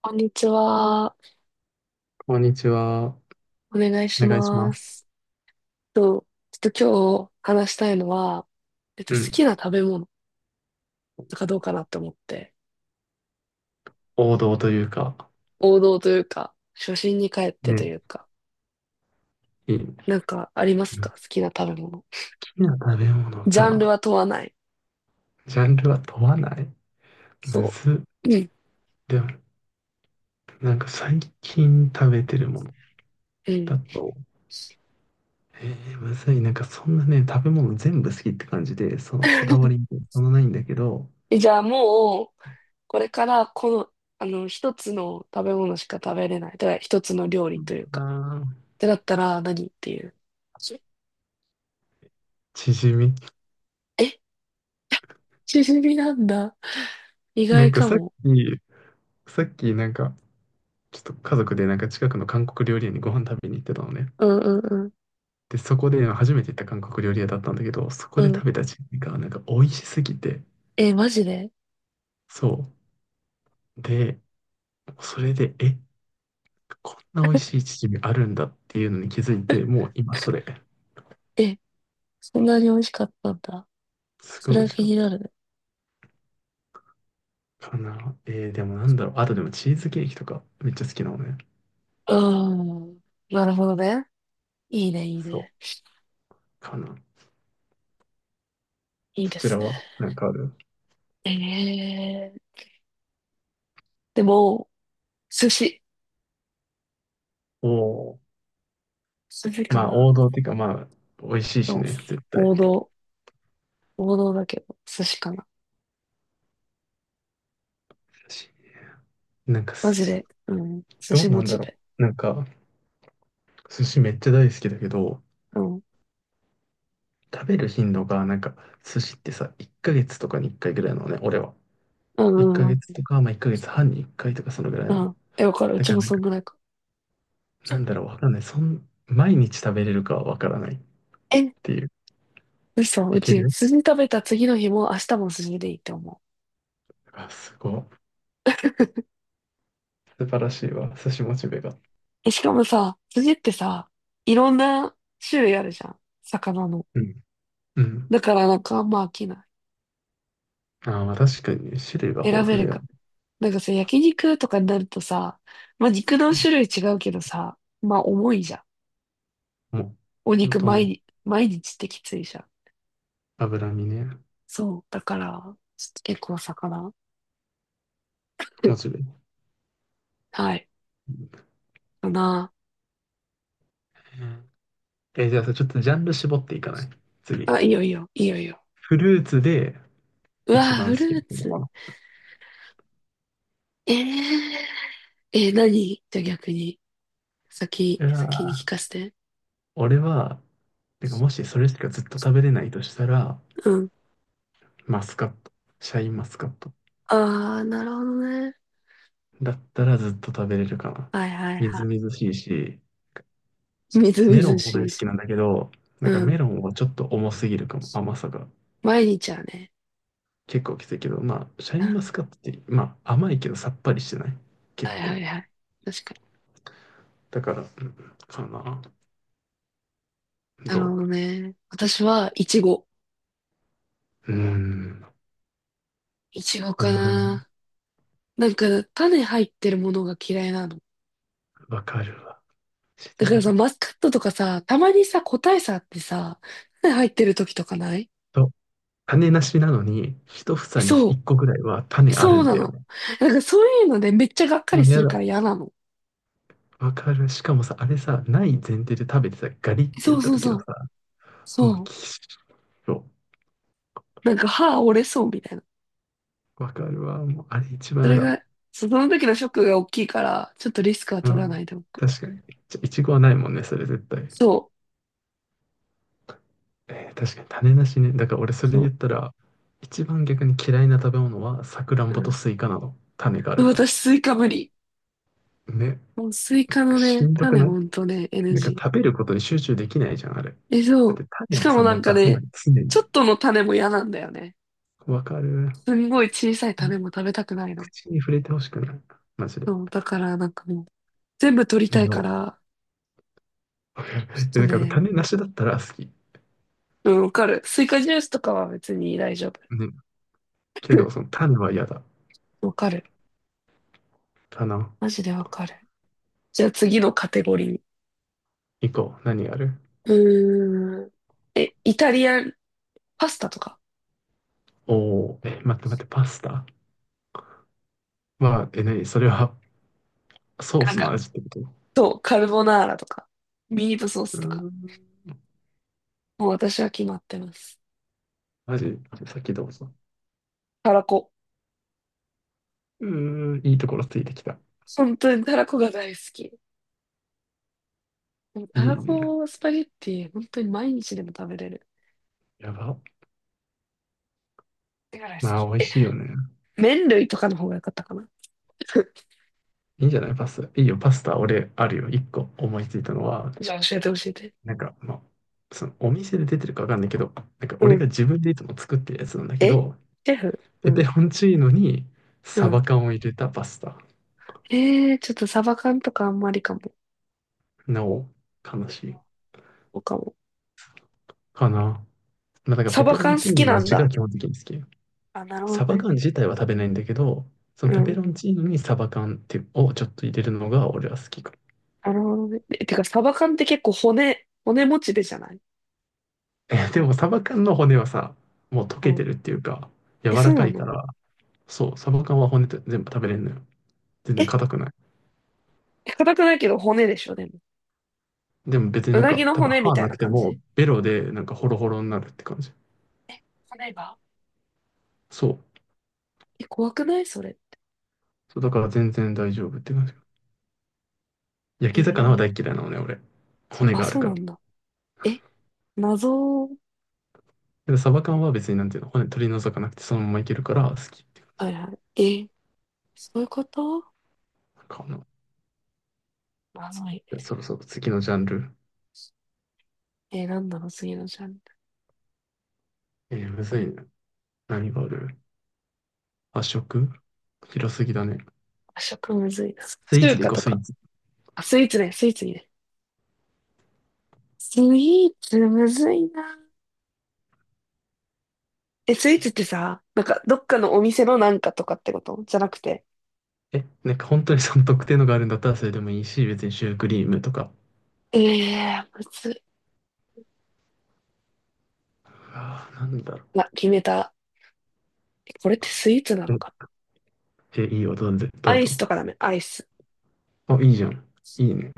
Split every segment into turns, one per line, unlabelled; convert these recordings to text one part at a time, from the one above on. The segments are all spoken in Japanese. こんにちは。
こんにちは。お
お願いし
願いしま
ま
す。
す。と、ちょっと今日話したいのは、
う
好き
ん。
な食べ物とかどうかなって思って、
王道というか、
王道というか、初心に帰ってと
ね、
いうか、
いい。
なんかありますか好
好
きな食べ物？
きな食べ物
ジャンル
か、
は問わない。
ジャンルは問わない。む
そ
ずっ。
う。うん。
でも、なんか最近食べてるもの
うん。
だと、むずい。なんかそんなね、食べ物全部好きって感じで、そのこだわりみ たいなのそんなないんだけど、
じゃあもう、これからこの、一つの食べ物しか食べれない。だから一つの料理という
あ
か、
ー
ってなったら何っていう？
チヂミ。
えチヂミなんだ。意
な
外
んか
か
さっ
も。
き、さっきなんか、ちょっと家族でなんか近くの韓国料理屋にご飯食べに行ってたのね。
うんうん
で、そこで初めて行った韓国料理屋だったんだけど、そこ
うん。う
で
ん。
食べたチヂミがなんか美味しすぎて、
え、マジで。
そう。で、それで、こんな美味しいチヂミあるんだっていうのに気づいて、もう今それ、
え、そんなに美味しかったんだ。
す
そ
ごい
れ
美
は
味し
気
かっ
になるね。
たかな。でもなんだろう。あとでもチーズケーキとかめっちゃ好きなのね。
うん。なるほどね。いいね、いい
そ
ね。
う、かな。
いい
そ
で
ちら
すね。
はなんかある？
えー、でも、寿司。
おおー、
寿司か
まあ
な。
王道っていうかまあ、美味しいし
そう、
ね、絶対。
王道。王道だけど、寿司かな。
寿司、なんか
マ
す、
ジで。うん。寿
どう
司
な
モ
んだ
チ
ろ
ベ。
う。なんか、寿司めっちゃ大好きだけど、
うん。
食べる頻度が、なんか、寿司ってさ、1ヶ月とかに1回ぐらいなのね、俺は。
うん
1
う
ヶ
んう
月
ん。
とか、まあ1ヶ月半に1回とかそのぐらい
う
なの。
ん。え、わかる。う
だ
ち
から
も
なん
そん
か、
ぐらいか。
なんだろう、わかんない。そん、毎日食べれるかはわからないっ
え、
ていう。
嘘、う
いけ
ち、
る。
筋食べた次の日も明日も筋でいいって思う。
あ、すごい。素晴らしいわ、寿司モチベが。
え、しかもさ、筋ってさ、いろんな種類あるじゃん。魚の。
うん。うん。
だからなんかあんま飽きな
ああまあ確かにね、種類が
い。選
豊
べ
富
る
だよ
か。
ね。
なんかさ、焼肉とかになるとさ、まあ
う
肉の
ん。
種類違うけどさ、まあ重いじゃん。
もう、
お
本
肉
当
毎
もう
日、毎日ってきついじゃん。
脂身ね、
そう。だから、ちょっと結構魚。う
モ
ん、
チベ。う
はい。
ん。
かな。
じゃあさ、ちょっとジャンル絞っていかない？次。
あ、いいよいいよ、いいよいいよ。
フルーツで
うわ
一
ー、
番
フ
好
ル
きな
ー
も
ツ。
の。
えー、何じゃあ逆に。
うわ。
先に聞かせて。
俺は、てかもしそれしかずっと食べれないとしたら、
うん。
マスカット。シャインマスカット。
ああ、なるほどね。
だったらずっと食べれるかな。
はいはい
みず
は
みずしいし、
い。みずみ
メロン
ず
も大
し
好
いし。
きなんだけど、なんか
うん。
メロンはちょっと重すぎるかも、甘さが。
毎日はね。
結構きついけど、まあ、シャインマスカットって、まあ、甘いけどさっぱりしてない。結
はいは
構。
いはい。確かに。
だから、うんかな。
なる
ど
ほどね。私は、いちご。
う？うーん。
いちご
な
か
るほど。
な。なんか、種入ってるものが嫌いなの。
わかるわ。シ
だ
リ
か
ア
らさ、
だ。
マスカットとかさ、たまにさ、個体差あってさ、種入ってる時とかない？
と、種なしなのに、一房に
そ
一個ぐらいは
う。
種ある
そう
ん
な
だよ
の。
ね。
なんかそういうので、めっちゃがっか
も
り
う
す
や
る
だ。
から嫌なの。
わかる。しかもさ、あれさ、ない前提で食べてさ、ガリって
そ
言っ
う
た
そう
時
そ
の
う。
さ、もう
そう。
きしょ。
なんか歯折れそうみたいな。
わかるわ。もうあれ一
そ
番や
れ
だ。
が、その時のショックが大きいから、ちょっとリスクは
う
取らない
ん。
でおく。
確かに。ちょいちごはないもんね、それ絶対。
そう。
確かに種なしね。だから俺それで言
そ
ったら、一番逆に嫌いな食べ物はさくらん
う。う
ぼと
ん、
スイカなの。種があるか
私、スイカ無理。
ら。ね。
もうスイ
なん
カ
か
の
し
ね、
んどく
種
ない？
ほんとね、
なんか
NG。
食べることに集中できないじゃん、あれ。
え、そ
だっ
う。
て種
し
を
かも
さ、
な
もう
んか
出さない。
ね、
常に。
ちょっとの種も嫌なんだよね。
わかる。
すんごい小さい
も
種
う
も食べたくないの。
口に触れてほしくない。マジで。
そう。だからなんかもう、全部取りたい
No。
から、
わか
ち
るで
ょっ
だ
と
から
ね、
種なしだったら好き。
うん、わかる。スイカジュースとかは別に大丈夫。
ね、けど、その 種は嫌だ。
わかる。
種、
マジでわかる。じゃあ次のカテゴリー。
以降、何がある？
うーん。え、イタリアンパスタとか。
おおー、待って待って、パスタは、何それは？ソー
なん
スの
か、
味ってこと？
そう、カルボナーラとか、ミートソース
ー
とか。
ん、
もう私は決まってます。
マジ、さっきどうぞ。
たらこ。
うーん、いいところついてきた。
本当にたらこが大好き。でもた
い
ら
いね。
こスパゲッティ、本当に毎日でも食べれる。
やば。
だから好
まあ、
き。
美味
え、
しいよね。
麺類とかの方が良かったかな。
いいんじゃないパスタ。いいよ、パスタ、俺、あるよ。一個思いついたのは、
じゃあ教えて教えて。
なんか、まあ、そのお店で出てるかわかんないけど、なんか
う
俺
ん。
が自分でいつも作ってるやつなんだけ
え、シ
ど、
ェフ、う
ペ
ん。
ペロンチーノに
う
サ
ん。
バ缶を入れたパスタ。
ちょっとサバ缶とかあんまりかも。
なお、悲しい。
そうかも。
かな。まあ、だから
サ
ペ
バ
ペロン
缶好
チーノ
き
の
なん
味が
だ。
基本的に好き。
あ、なるほ
サ
ど
バ
ね。
缶自体は食べないんだけど、その
う
ペペ
ん。
ロンチーノにサバ缶っていうをちょっと入れるのが俺は好きかな。
なるほどね。え、てか、サバ缶って結構骨持ちでじゃない？
でもサバ缶の骨はさ、もう溶
う
けて
ん。
るっていうか、柔
え、そう
らか
な
いか
の？
ら、そう、サバ缶は骨で全部食べれるのよ。全
え、
然硬くない。
硬くないけど骨でしょ、でも。
でも別に
う
なん
な
か、
ぎの
多分
骨み
歯
たい
な
な
くて
感
も、
じ？
ベロでなんかホロホロになるって感じ。
え、骨が。
そう。
え、怖くないそれ。
そう、だから全然大丈夫って感じ。焼
え
き魚は大
ー、
嫌いなのね、俺。骨
あ、
がある
そう
か
な
ら。
んだ。え、謎、
で、サバ缶は別になんていうの、骨取り除かなくてそのままいけるから好きって感じ。
はいはい。え、そういうこと。
なんかあの、
謎い。
でそろそろ次のジャンル。
なんだろう、次のジャンル。
むずいね。何がある？和食、広すぎだね。
和食むずいな。
スイーツ
中
でい
華
こう、
と
スイ
か。
ーツ。
あ、スイーツね、スイーツにね。スイーツむずいな。え、スイーツってさ、なんか、どっかのお店のなんかとかってことじゃなくて。
なんか本当にその特定のがあるんだったらそれでもいいし、別にシュークリームとか。
ええー、むずい。
ああ、なんだろ
ま、決めた。これってスイーツな
う。
の
ん、
か。
えいいよ、どうぞ。
ア
どう
イス
ぞ。
とかダメ？アイス。
あ、いいじゃん。いいね。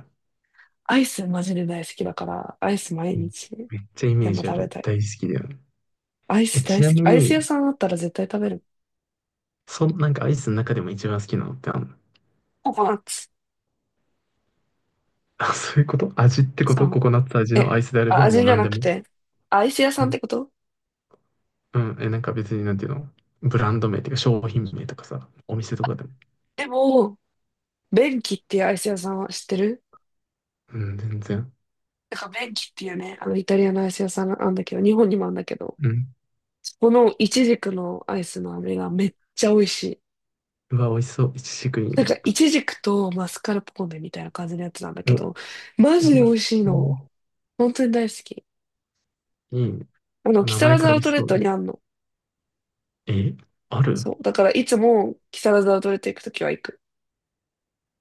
アイスマジで大好きだから、アイス毎
うん、
日
めっちゃイ
で
メー
も
ジあ
食べ
る。
たい。
大好きだよね。
アイス
ち
大好
な
き。
み
アイス屋
に、
さんあったら絶対食べる。
その、なんかアイスの中でも一番好きなのってあんの？
ココナッツ
あ、そういうこと？味ってこ
さ
と？コ
ん。
コナッツ味の
え、
アイスであれ
あ、
ばも
味
う
じゃ
何
な
で
く
も。
て、アイス屋さ
う
んっ
ん。
てこと？
うん。なんか別になんていうの？ブランド名っていうか商品名とかさ、お店とかでも。
でも、ベンキっていうアイス屋さんは知ってる？
うん、全然。
なんかベンキっていうね、あのイタリアのアイス屋さんあんだけど、日本にもあんだけど、
うん。
このイチジクのアイスの飴がめっちゃ美味しい。
うわ、美味しそう。いちじくいい
なん
ね。
か、イチジクとマスカルポーネみたいな感じのやつなんだけ
うわ、
ど、マジ
う
で
ま
美味しいの。
そ
本当に大好き。
う。いいね。
あの、
お
木
名前
更津
か
ア
ら美
ウ
味し
トレッ
そう
ト
だ。
にあんの。
え、ある？
そう。だから、いつも木更津アウトレット行くときは行く。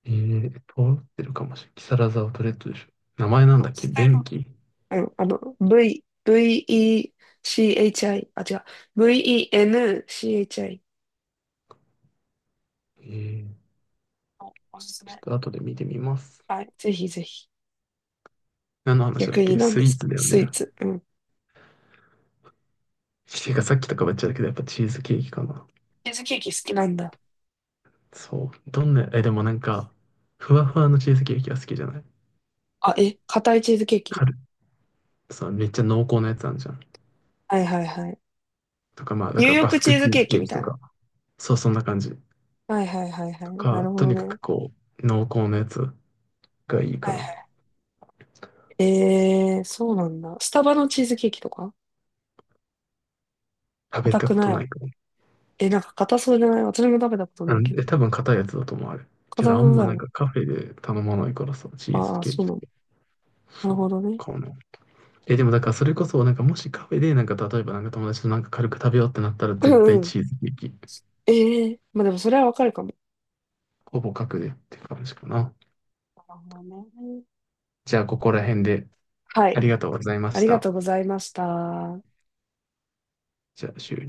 えー、通ってるかもしれない木更津アウトレットでしょ。名前なん
そう
だっけ、
絶対と、
便器？
V、VECHI、あ、違う、VENCHI
えー、
のおおすす
ちょっ
め。
と後で見てみます。
はい、ぜひぜひ。
何の話だ
逆
っ
に
け、
何
ス
で
イー
すか
ツだよ
スイ
ね。
ーツ。うん。
ていうかさっきとかばっちゃだけど、やっぱチーズケーキかな。
チーズケーキ好きなんだ。
そう。どんな、でもなんか、ふわふわのチーズケーキは好きじゃない。
あ、え、硬いチーズケーキ？
カル、さ、めっちゃ濃厚なやつあるじゃん。
はいはいはい。
とか、まあ、だ
ニュー
から
ヨー
バ
ク
ス
チ
ク
ーズ
チー
ケ
ズ
ー
ケ
キ
ー
み
キ
た
と
いな。
か、そう、そんな感じ。
はいはいはいはい。
と
なる
か、
ほ
と
ど
にか
ね。
くこう、濃厚なやつがいいか
はい
な。
はい。そうなんだ。スタバのチーズケーキとか
食べ
硬
た
く
こと
な
な
い？
いか
え、なんか硬そうじゃない？私も食べたことな
ら。
い
うん、
けど。
多分硬いやつだと思う、あれ。
硬
けど、あ
そう
ん
だ
ま
よ
なん
ね。
かカフェで頼まないからさ、チー
あ
ズ
あ、
ケー
そ
キ
うな
と
ん
か。
だ。なる
そう、
ほどね。
かな。でもだからそれこそ、なんかもしカフェで、なんか例えばなんか友達となんか軽く食べようってなったら
う
絶
ん
対
うん。
チーズケーキ。
まあでもそれはわかるかも。
ほぼ角でって感じかな。
なるほどね。
じゃあ、ここら辺で
は
あ
い。
りがとうございま
あ
し
りが
た。
とうございました。
じゃあ、終了。